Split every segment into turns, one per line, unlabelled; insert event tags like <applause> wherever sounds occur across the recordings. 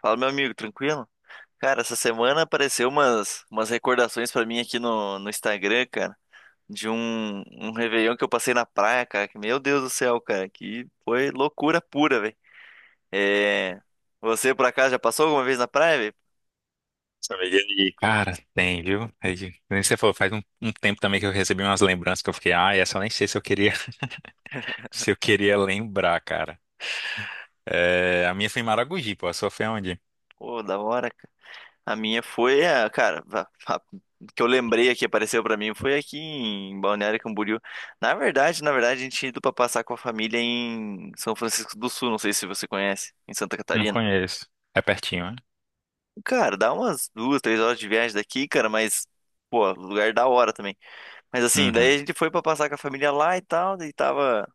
Fala, meu amigo, tranquilo? Cara, essa semana apareceu umas recordações pra mim aqui no Instagram, cara, de um Réveillon que eu passei na praia, cara, que, meu Deus do céu, cara, que foi loucura pura, velho. É, você, por acaso, já passou alguma vez na praia, velho?
São Miguel e, cara, tem, viu? É que nem você falou, faz um tempo também que eu recebi umas lembranças que eu fiquei, ah, essa eu nem sei se eu queria, <laughs> se eu queria lembrar, cara. É, a minha foi em Maragogi, pô, a sua foi onde?
Pô, da hora, cara. A minha foi, a, cara, a, a- que eu lembrei aqui, apareceu pra mim, foi aqui em Balneário Camboriú. Na verdade, a gente tinha ido pra passar com a família em São Francisco do Sul, não sei se você conhece, em Santa
Não
Catarina.
conheço. É pertinho, né?
Cara, dá umas 2, 3 horas de viagem daqui, cara, mas, pô, lugar da hora também. Mas assim,
Uhum.
daí a gente foi pra passar com a família lá e tal, daí tava,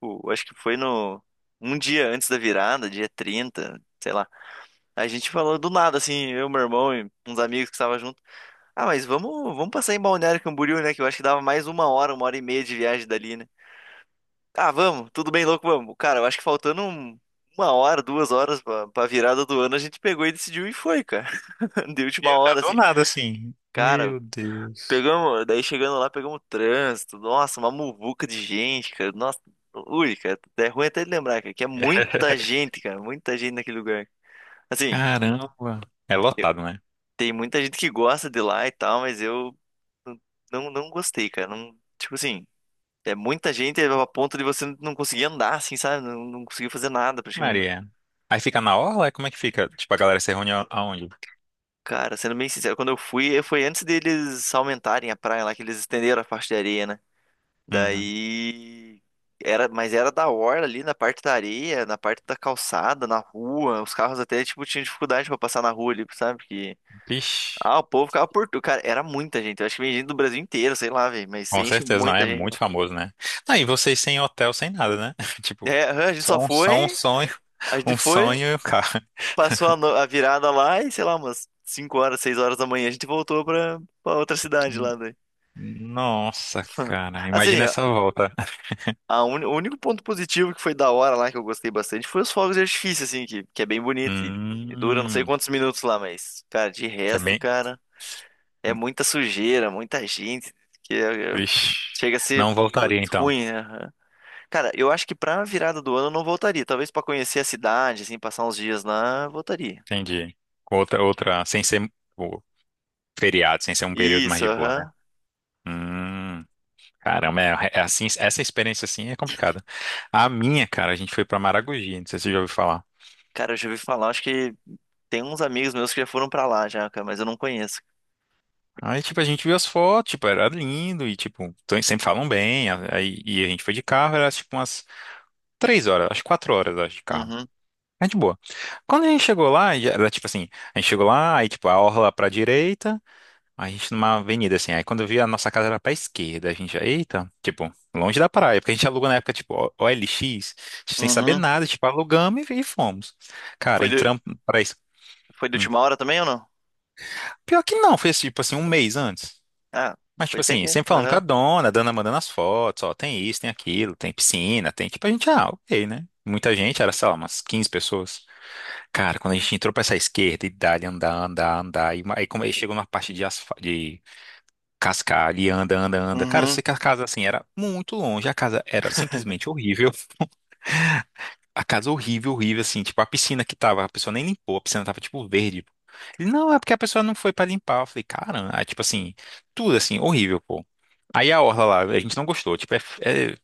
pô, acho que foi no, um dia antes da virada, dia 30 sei lá. A gente falou do nada, assim, eu, meu irmão e uns amigos que estavam junto. Ah, mas vamos, vamos passar em Balneário Camboriú, né, que eu acho que dava mais 1 hora, 1 hora e meia de viagem dali, né. Ah, vamos, tudo bem louco, vamos. Cara, eu acho que uma hora, 2 horas pra virada do ano, a gente pegou e decidiu e foi, cara, <laughs> de última
Eu não
hora,
dou
assim.
nada assim.
Cara,
Meu Deus.
pegamos, daí chegando lá, pegamos trânsito. Nossa, uma muvuca de gente, cara. Nossa, ui, cara, é ruim até de lembrar, cara, que é muita
<laughs>
gente, cara, muita gente naquele lugar. Assim,
Caramba. É
eu-
lotado, né?
tem muita gente que gosta de lá e tal, mas eu não gostei, cara. Não, tipo assim, é muita gente a ponto de você não conseguir andar, assim, sabe? não conseguir fazer nada praticamente.
Maria. Aí fica na orla? Como é que fica? Tipo, a galera se reúne aonde?
Cara, sendo bem sincero, quando eu fui, foi antes deles aumentarem a praia lá, que eles estenderam a faixa de areia, né?
Uhum.
Daí era, mas era da hora ali na parte da areia, na parte da calçada, na rua. Os carros até tipo tinham dificuldade pra passar na rua ali, sabe? Porque
Vixe.
ah, o povo ficava por tudo, cara, era muita gente. Eu acho que vem gente do Brasil inteiro, sei lá, velho, mas
Com
enche
certeza, não, é
muita gente lá.
muito famoso, né? Aí vocês sem hotel, sem nada, né? <laughs> Tipo,
É, aham, a gente
só
só
um, só um
foi,
sonho,
a gente
um
foi,
sonho e o carro.
passou a, no- a virada lá e sei lá, umas 5 horas, 6 horas da manhã a gente voltou pra outra cidade lá, daí.
Nossa, cara, imagina
Assim,
essa volta.
O único ponto positivo que foi da hora lá, que eu gostei bastante, foi os fogos de artifício, assim, que é bem bonito e dura não sei
Hum,
quantos minutos lá, mas, cara, de
é
resto,
bem.
cara, é muita sujeira, muita gente, que é- é-
Ixi,
chega a ser
não voltaria então.
ruim, né? Aham. Cara, eu acho que pra virada do ano eu não voltaria, talvez pra conhecer a cidade, assim, passar uns dias lá, eu voltaria.
Entendi. Outra, sem ser o feriado, sem ser um período mais
Isso,
de boa, né?
aham.
Hum, caramba, é assim, essa experiência assim é complicada. A minha, cara, a gente foi pra Maragogi, não sei se você já ouviu falar.
Cara, eu já ouvi falar, acho que tem uns amigos meus que já foram pra lá já, cara, mas eu não conheço.
Aí, tipo, a gente viu as fotos, tipo, era lindo e, tipo, sempre falam bem. Aí, e a gente foi de carro, era, tipo, umas 3 horas, acho que 4 horas, acho, de carro.
Uhum,
É de boa. Quando a gente chegou lá, já era, tipo assim, a gente chegou lá, aí, tipo, a orla pra direita, aí a gente numa avenida, assim. Aí, quando eu vi, a nossa casa era pra esquerda. A gente, já, eita, tipo, longe da praia, porque a gente alugou na época, tipo, OLX, sem saber
uhum.
nada, tipo, alugamos e fomos. Cara,
Foi do,
entramos pra isso.
foi de
Hum.
última hora também ou não?
Pior que não, foi, tipo, assim, um mês antes.
Ah,
Mas,
foi
tipo
até
assim,
que.
sempre falando com
Aham.
a dona mandando as fotos, ó, tem isso, tem aquilo, tem piscina, tem, tipo, a gente, ah, ok, né? Muita gente, era, sei lá, umas 15 pessoas. Cara, quando a gente entrou pra essa esquerda e dali andar, andar, andar, e aí como aí chegou numa parte de, de cascalho e anda, anda, anda. Cara, eu
Uhum.
sei que a casa, assim, era muito longe, a casa era
<laughs>
simplesmente horrível. A casa horrível, horrível, assim, tipo, a piscina que tava, a pessoa nem limpou, a piscina tava, tipo, verde. Pô. Ele, não, é porque a pessoa não foi pra limpar. Eu falei, cara, ah, tipo assim, tudo assim, horrível, pô. Aí a orla lá, a gente não gostou, tipo, é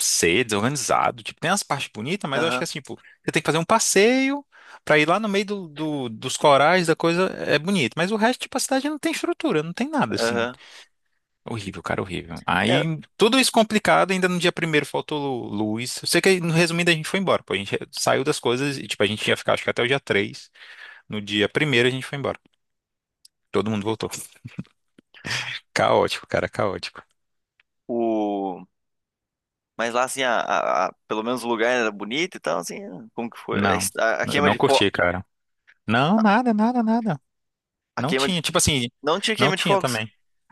ser desorganizado, tipo, tem as partes bonitas, mas eu acho
Aham.
que assim, tipo, você tem que fazer um passeio pra ir lá no meio dos corais, da coisa, é bonito, mas o resto, tipo, a cidade não tem estrutura, não tem nada, assim.
Aham.
Horrível, cara, horrível. Aí,
É,
tudo isso complicado, ainda no dia primeiro faltou luz. Eu sei que, no resumindo, a gente foi embora, pô. A gente saiu das coisas e, tipo, a gente ia ficar, acho que até o dia três. No dia primeiro a gente foi embora. Todo mundo voltou. Caótico, cara, caótico.
o... Mas lá, assim, pelo menos o lugar era bonito e tal, assim. Como que foi?
Não,
A
eu
queima
não
de fogo.
curti, cara. Não, nada, nada, nada.
A
Não
queima de.
tinha, tipo assim,
Não tinha
não
queima de
tinha
fogos.
também.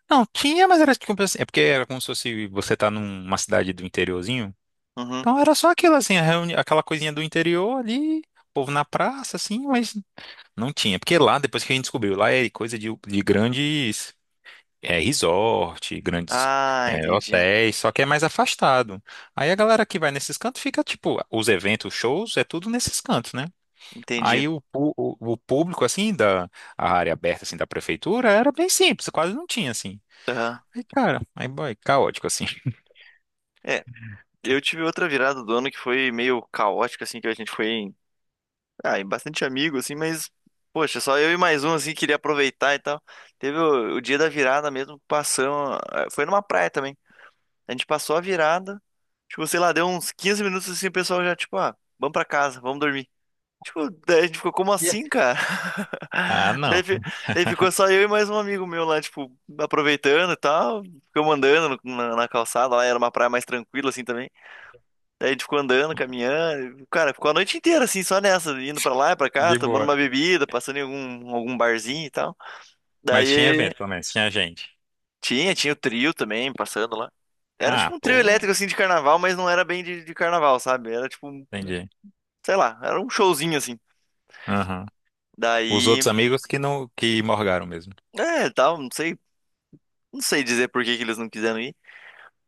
Não, tinha, mas era tipo assim, é porque era como se fosse você tá numa cidade do interiorzinho.
Uhum.
Então era só aquilo assim, aquela coisinha do interior ali, povo na praça, assim, mas não tinha, porque lá, depois que a gente descobriu, lá é coisa de grandes resort, grandes
Ah, entendi.
hotéis, só que é mais afastado. Aí a galera que vai nesses cantos fica, tipo, os eventos, shows, é tudo nesses cantos, né?
Entendi.
Aí o público, assim, da a área aberta, assim, da prefeitura, era bem simples, quase não tinha, assim.
Aham.
Aí, cara, aí, boy, caótico, assim.
É. Eu tive outra virada do ano que foi meio caótica, assim, que a gente foi em. Ah, em bastante amigo, assim, mas. Poxa, só eu e mais um, assim, queria aproveitar e tal. Teve o dia da virada mesmo, passamos. Foi numa praia também. A gente passou a virada. Tipo, sei lá, deu uns 15 minutos assim, o pessoal já, tipo, ah, vamos pra casa, vamos dormir. Tipo, daí a gente ficou, como assim,
<laughs>
cara?
Ah,
<laughs> Daí,
não,
daí ficou só eu e mais um amigo meu lá, tipo, aproveitando e tal. Ficamos andando na, na calçada lá, era uma praia mais tranquila assim também. Daí a gente ficou andando, caminhando. Cara, ficou a noite inteira assim, só nessa, indo pra lá e pra cá,
de
tomando
boa.
uma bebida, passando em algum, algum barzinho e tal.
Mas tinha
Daí.
evento, pelo menos, tinha gente.
Tinha o trio também passando lá. Era
Ah,
tipo um trio
pô,
elétrico assim de carnaval, mas não era bem de carnaval, sabe? Era tipo,
entendi.
sei lá, era um showzinho assim.
Aham. Os
Daí,
outros amigos que não, que morgaram mesmo.
é, tal, não sei, não sei dizer por que que eles não quiseram ir.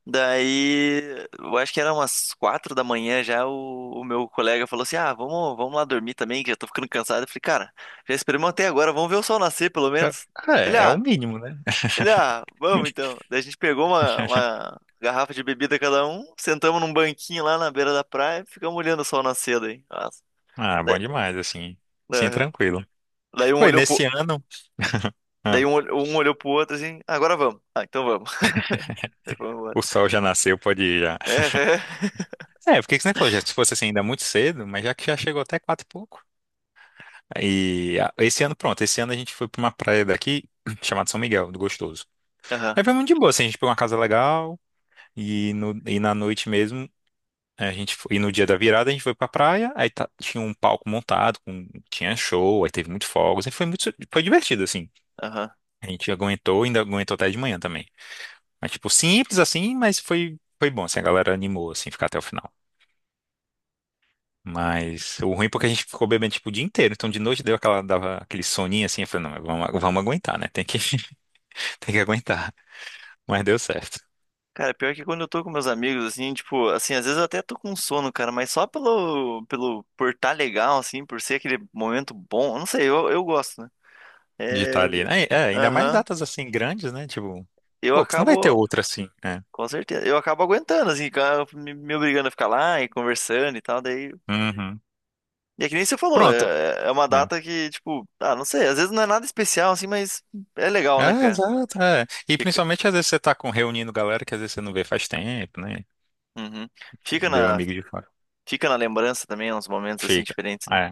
Daí, eu acho que era umas 4 da manhã já o meu colega falou assim: "Ah, vamos, vamos lá dormir também, que já tô ficando cansado". Eu falei: "Cara, já esperamos até agora, vamos ver o sol nascer pelo menos".
Ah,
Ele:
é, é o
"Ah,
mínimo, né?
Ele, ah, vamos então. Daí a gente pegou uma garrafa de bebida cada um, sentamos num banquinho lá na beira da praia e ficamos olhando o sol nascer daí. Nossa.
Ah,
Daí,
bom demais, assim. Sim,
aham.
tranquilo.
Daí um
Foi
olhou
nesse
pro,
ano,
daí
ah,
um, um olhou pro outro assim, "Ah, agora vamos. Ah, então vamos. <laughs> Daí vamos embora.
o sol já nasceu, pode ir já.
Aham,
É, porque que você nem falou, já, se fosse assim ainda muito cedo, mas já que já chegou até quatro e pouco. E esse ano, pronto, esse ano a gente foi pra uma praia daqui, <clears throat> chamada São Miguel, do Gostoso.
aham.
Aí foi muito de boa, assim, a gente pegou uma casa legal, e, no, e na noite mesmo, a gente foi, e no dia da virada a gente foi pra praia, aí tinha um palco montado, com, tinha show, aí teve muito fogos, aí foi muito, foi divertido, assim.
Aham.
A gente aguentou, ainda aguentou até de manhã também. Mas, tipo, simples assim, mas foi bom, assim, a galera animou, assim, ficar até o final. Mas o ruim é porque a gente ficou bebendo, tipo, o dia inteiro. Então, de noite deu aquela, dava aquele soninho, assim, eu falei, não, vamos, aguentar, né? Tem que, <laughs> tem que aguentar. Mas deu certo
Cara, pior que quando eu tô com meus amigos, assim, tipo, assim, às vezes eu até tô com sono, cara, mas só pelo, por tá legal, assim, por ser aquele momento bom, eu não sei, eu gosto, né?
de estar
É,
ali, né? É, ainda mais
aham.
datas, assim, grandes, né? Tipo,
Eu
pô, que não vai ter
acabo.
outra, assim, né?
Com certeza. Eu acabo aguentando, assim, me obrigando a ficar lá e conversando e tal. Daí.
Uhum.
E é que nem você falou,
Pronto.
é, é uma
É.
data que, tipo, ah, não sei, às vezes não é nada especial, assim, mas é legal, né,
É,
cara?
exato, é. E
Fica.
principalmente, às vezes, você tá com, reunindo galera que às vezes você não vê faz tempo, né?
Uhum. Fica
Vê o
na,
amigo de fora.
fica na lembrança também, uns momentos assim
Fica.
diferentes, né?
É.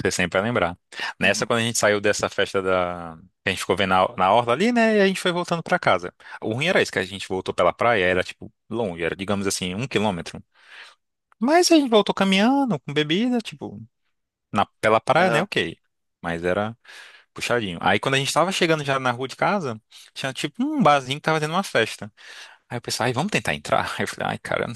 Você sempre vai lembrar. Nessa,
Uhum.
quando a gente saiu dessa festa da... que a gente ficou vendo na orla ali, né? E a gente foi voltando pra casa. O ruim era isso, que a gente voltou pela praia, era, tipo, longe, era, digamos assim, 1 quilômetro. Mas a gente voltou caminhando, com bebida, tipo, na, pela praia, né?
Aham.
Ok. Mas era puxadinho. Aí, quando a gente tava chegando já na rua de casa, tinha, tipo, um barzinho que tava tendo uma festa. Aí eu pensei, ai, vamos tentar entrar? <laughs> Aí eu falei, ai, cara,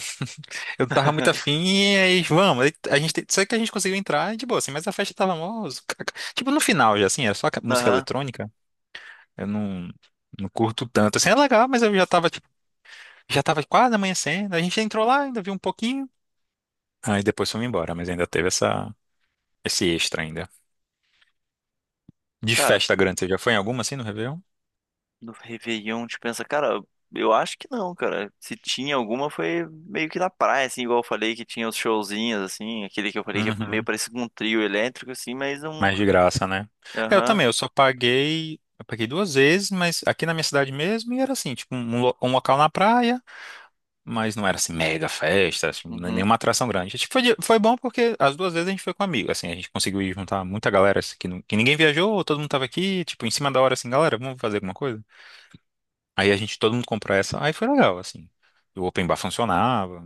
eu tava muito
<laughs>
afim e aí, vamos. Aí a gente, só que a gente conseguiu entrar e de boa, assim, mas a festa tava mó... tipo, no final já, assim, era só música
Aham.
eletrônica. Eu não curto tanto. Assim, é legal, mas eu já tava, tipo, já tava quase amanhecendo. A gente entrou lá, ainda viu um pouquinho. Aí depois fomos embora, mas ainda teve essa, esse extra ainda. De
Cara,
festa grande, você já foi em alguma, assim, no Réveillon?
no Réveillon, te pensa, cara, eu acho que não, cara. Se tinha alguma, foi meio que na praia, assim, igual eu falei, que tinha os showzinhos, assim, aquele que eu falei que é meio
Uhum.
parecido com um trio elétrico, assim, mas um.
Mais de graça, né? É, eu
Aham.
também, eu só paguei... Eu paguei duas vezes, mas aqui na minha cidade mesmo, e era assim, tipo, um local na praia. Mas não era assim mega festa, assim,
Uhum.
nenhuma atração grande. Tipo, foi, foi bom porque as duas vezes a gente foi com amigo, assim, a gente conseguiu ir juntar muita galera assim, que, que ninguém viajou, todo mundo tava aqui, tipo, em cima da hora assim, galera, vamos fazer alguma coisa? Aí a gente, todo mundo comprou essa, aí foi legal, assim. O open bar funcionava,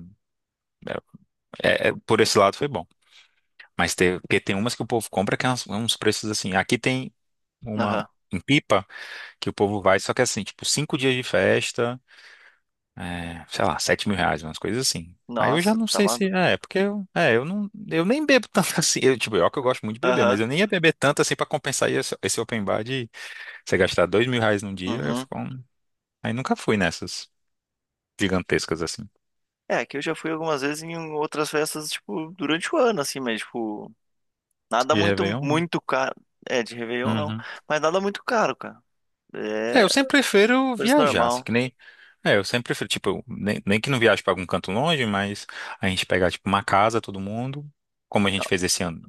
por esse lado foi bom. Mas tem, porque tem umas que o povo compra que é uns, preços assim, aqui tem uma
Aham.
em Pipa que o povo vai, só que é assim, tipo, 5 dias de festa. É, sei lá, R$ 7.000, umas coisas assim. Aí eu já
Nossa,
não
tá
sei se.
maluco.
É, porque eu não. Eu nem bebo tanto <laughs> assim. Eu, tipo, eu que eu gosto muito de beber, mas
Aham.
eu nem ia beber tanto assim pra compensar esse open bar de você gastar R$ 2.000 num dia, eu
Uhum.
fico. Aí nunca fui nessas gigantescas assim.
É, que eu já fui algumas vezes em outras festas, tipo, durante o ano, assim, mas, tipo, nada
De
muito,
Réveillon?
muito caro. É, de Réveillon não.
Né?
Mas nada muito caro, cara.
É,
É,
eu sempre prefiro
preço
viajar, assim,
normal.
que nem. É, eu sempre prefiro, tipo, eu nem que não viaje pra algum canto longe, mas a gente pegar, tipo, uma casa, todo mundo, como a gente fez esse ano,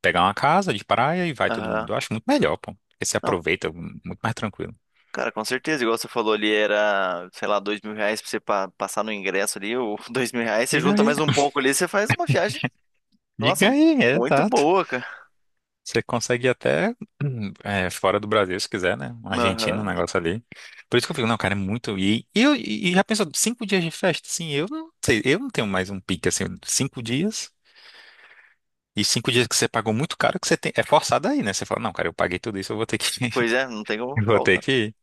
pegar uma casa de praia e vai todo
Aham.
mundo. Eu acho muito melhor, pô. Porque se
Não,
aproveita muito mais tranquilo.
cara, com certeza. Igual você falou ali, era, sei lá, R$ 2.000 pra você passar no ingresso ali, ou <laughs> R$ 2.000, você
Diga
junta
aí,
mais um pouco ali, você faz uma viagem, nossa,
diga aí, é,
muito
exato.
boa, cara.
Você consegue ir até <clears throat> fora do Brasil, se quiser, né? Um argentino, um
Aham.
negócio ali. Por isso que eu fico, não, cara, é muito. E já pensou, 5 dias de festa? Sim, eu não sei, eu não tenho mais um pique assim, 5 dias. E 5 dias que você pagou muito caro, que você tem, é forçado aí, né? Você fala, não, cara, eu paguei tudo isso, eu vou ter que, <laughs>
Pois é, não tem como
eu vou ter
faltar.
que ir.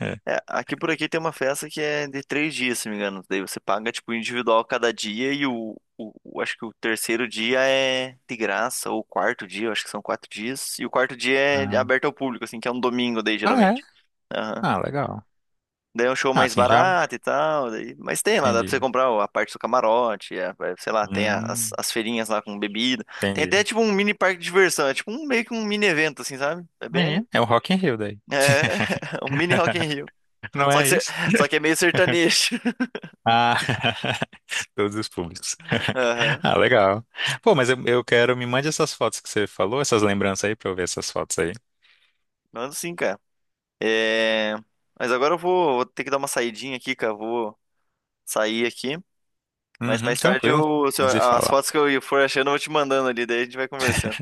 É.
É, aqui por aqui tem uma festa que é de 3 dias, se não me engano. Daí você paga, tipo, individual cada dia e acho que o terceiro dia é de graça, ou o quarto dia, eu acho que são 4 dias. E o quarto dia é
Ah,
aberto ao público, assim, que é um domingo daí,
ah, é?
geralmente. Aham.
Ah, legal.
Daí é um show
Ah,
mais
assim já
barato e tal, daí... mas tem lá, dá pra você
entendi.
comprar a parte do camarote, é, é, sei lá, tem
Hum,
as feirinhas lá com bebida. Tem
entendi.
até, tipo, um mini parque de diversão, é tipo um, meio que um mini evento, assim, sabe? É bem...
Menino, é o Rock in Rio daí.
É, <laughs> um mini Rock in
<laughs>
Rio.
Não
Só que,
é
ser-
isso?
Só que é meio sertanejo. <laughs>
Ah, <laughs> todos os públicos. <laughs>
Aham.
Ah, legal. Pô, mas eu quero, me mande essas fotos que você falou, essas lembranças aí, pra eu ver essas fotos aí.
Mando sim, cara. É... Mas agora eu vou ter que dar uma saidinha aqui, cara. Vou sair aqui. Mas
Uhum,
mais tarde
tranquilo.
eu, se
A
eu-
gente se
as
fala.
fotos que eu for achando, eu vou te mandando ali. Daí a gente vai conversando.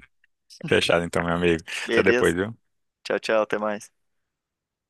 Fechado então, meu amigo. Até
Beleza?
depois, viu?
Tchau, tchau. Até mais.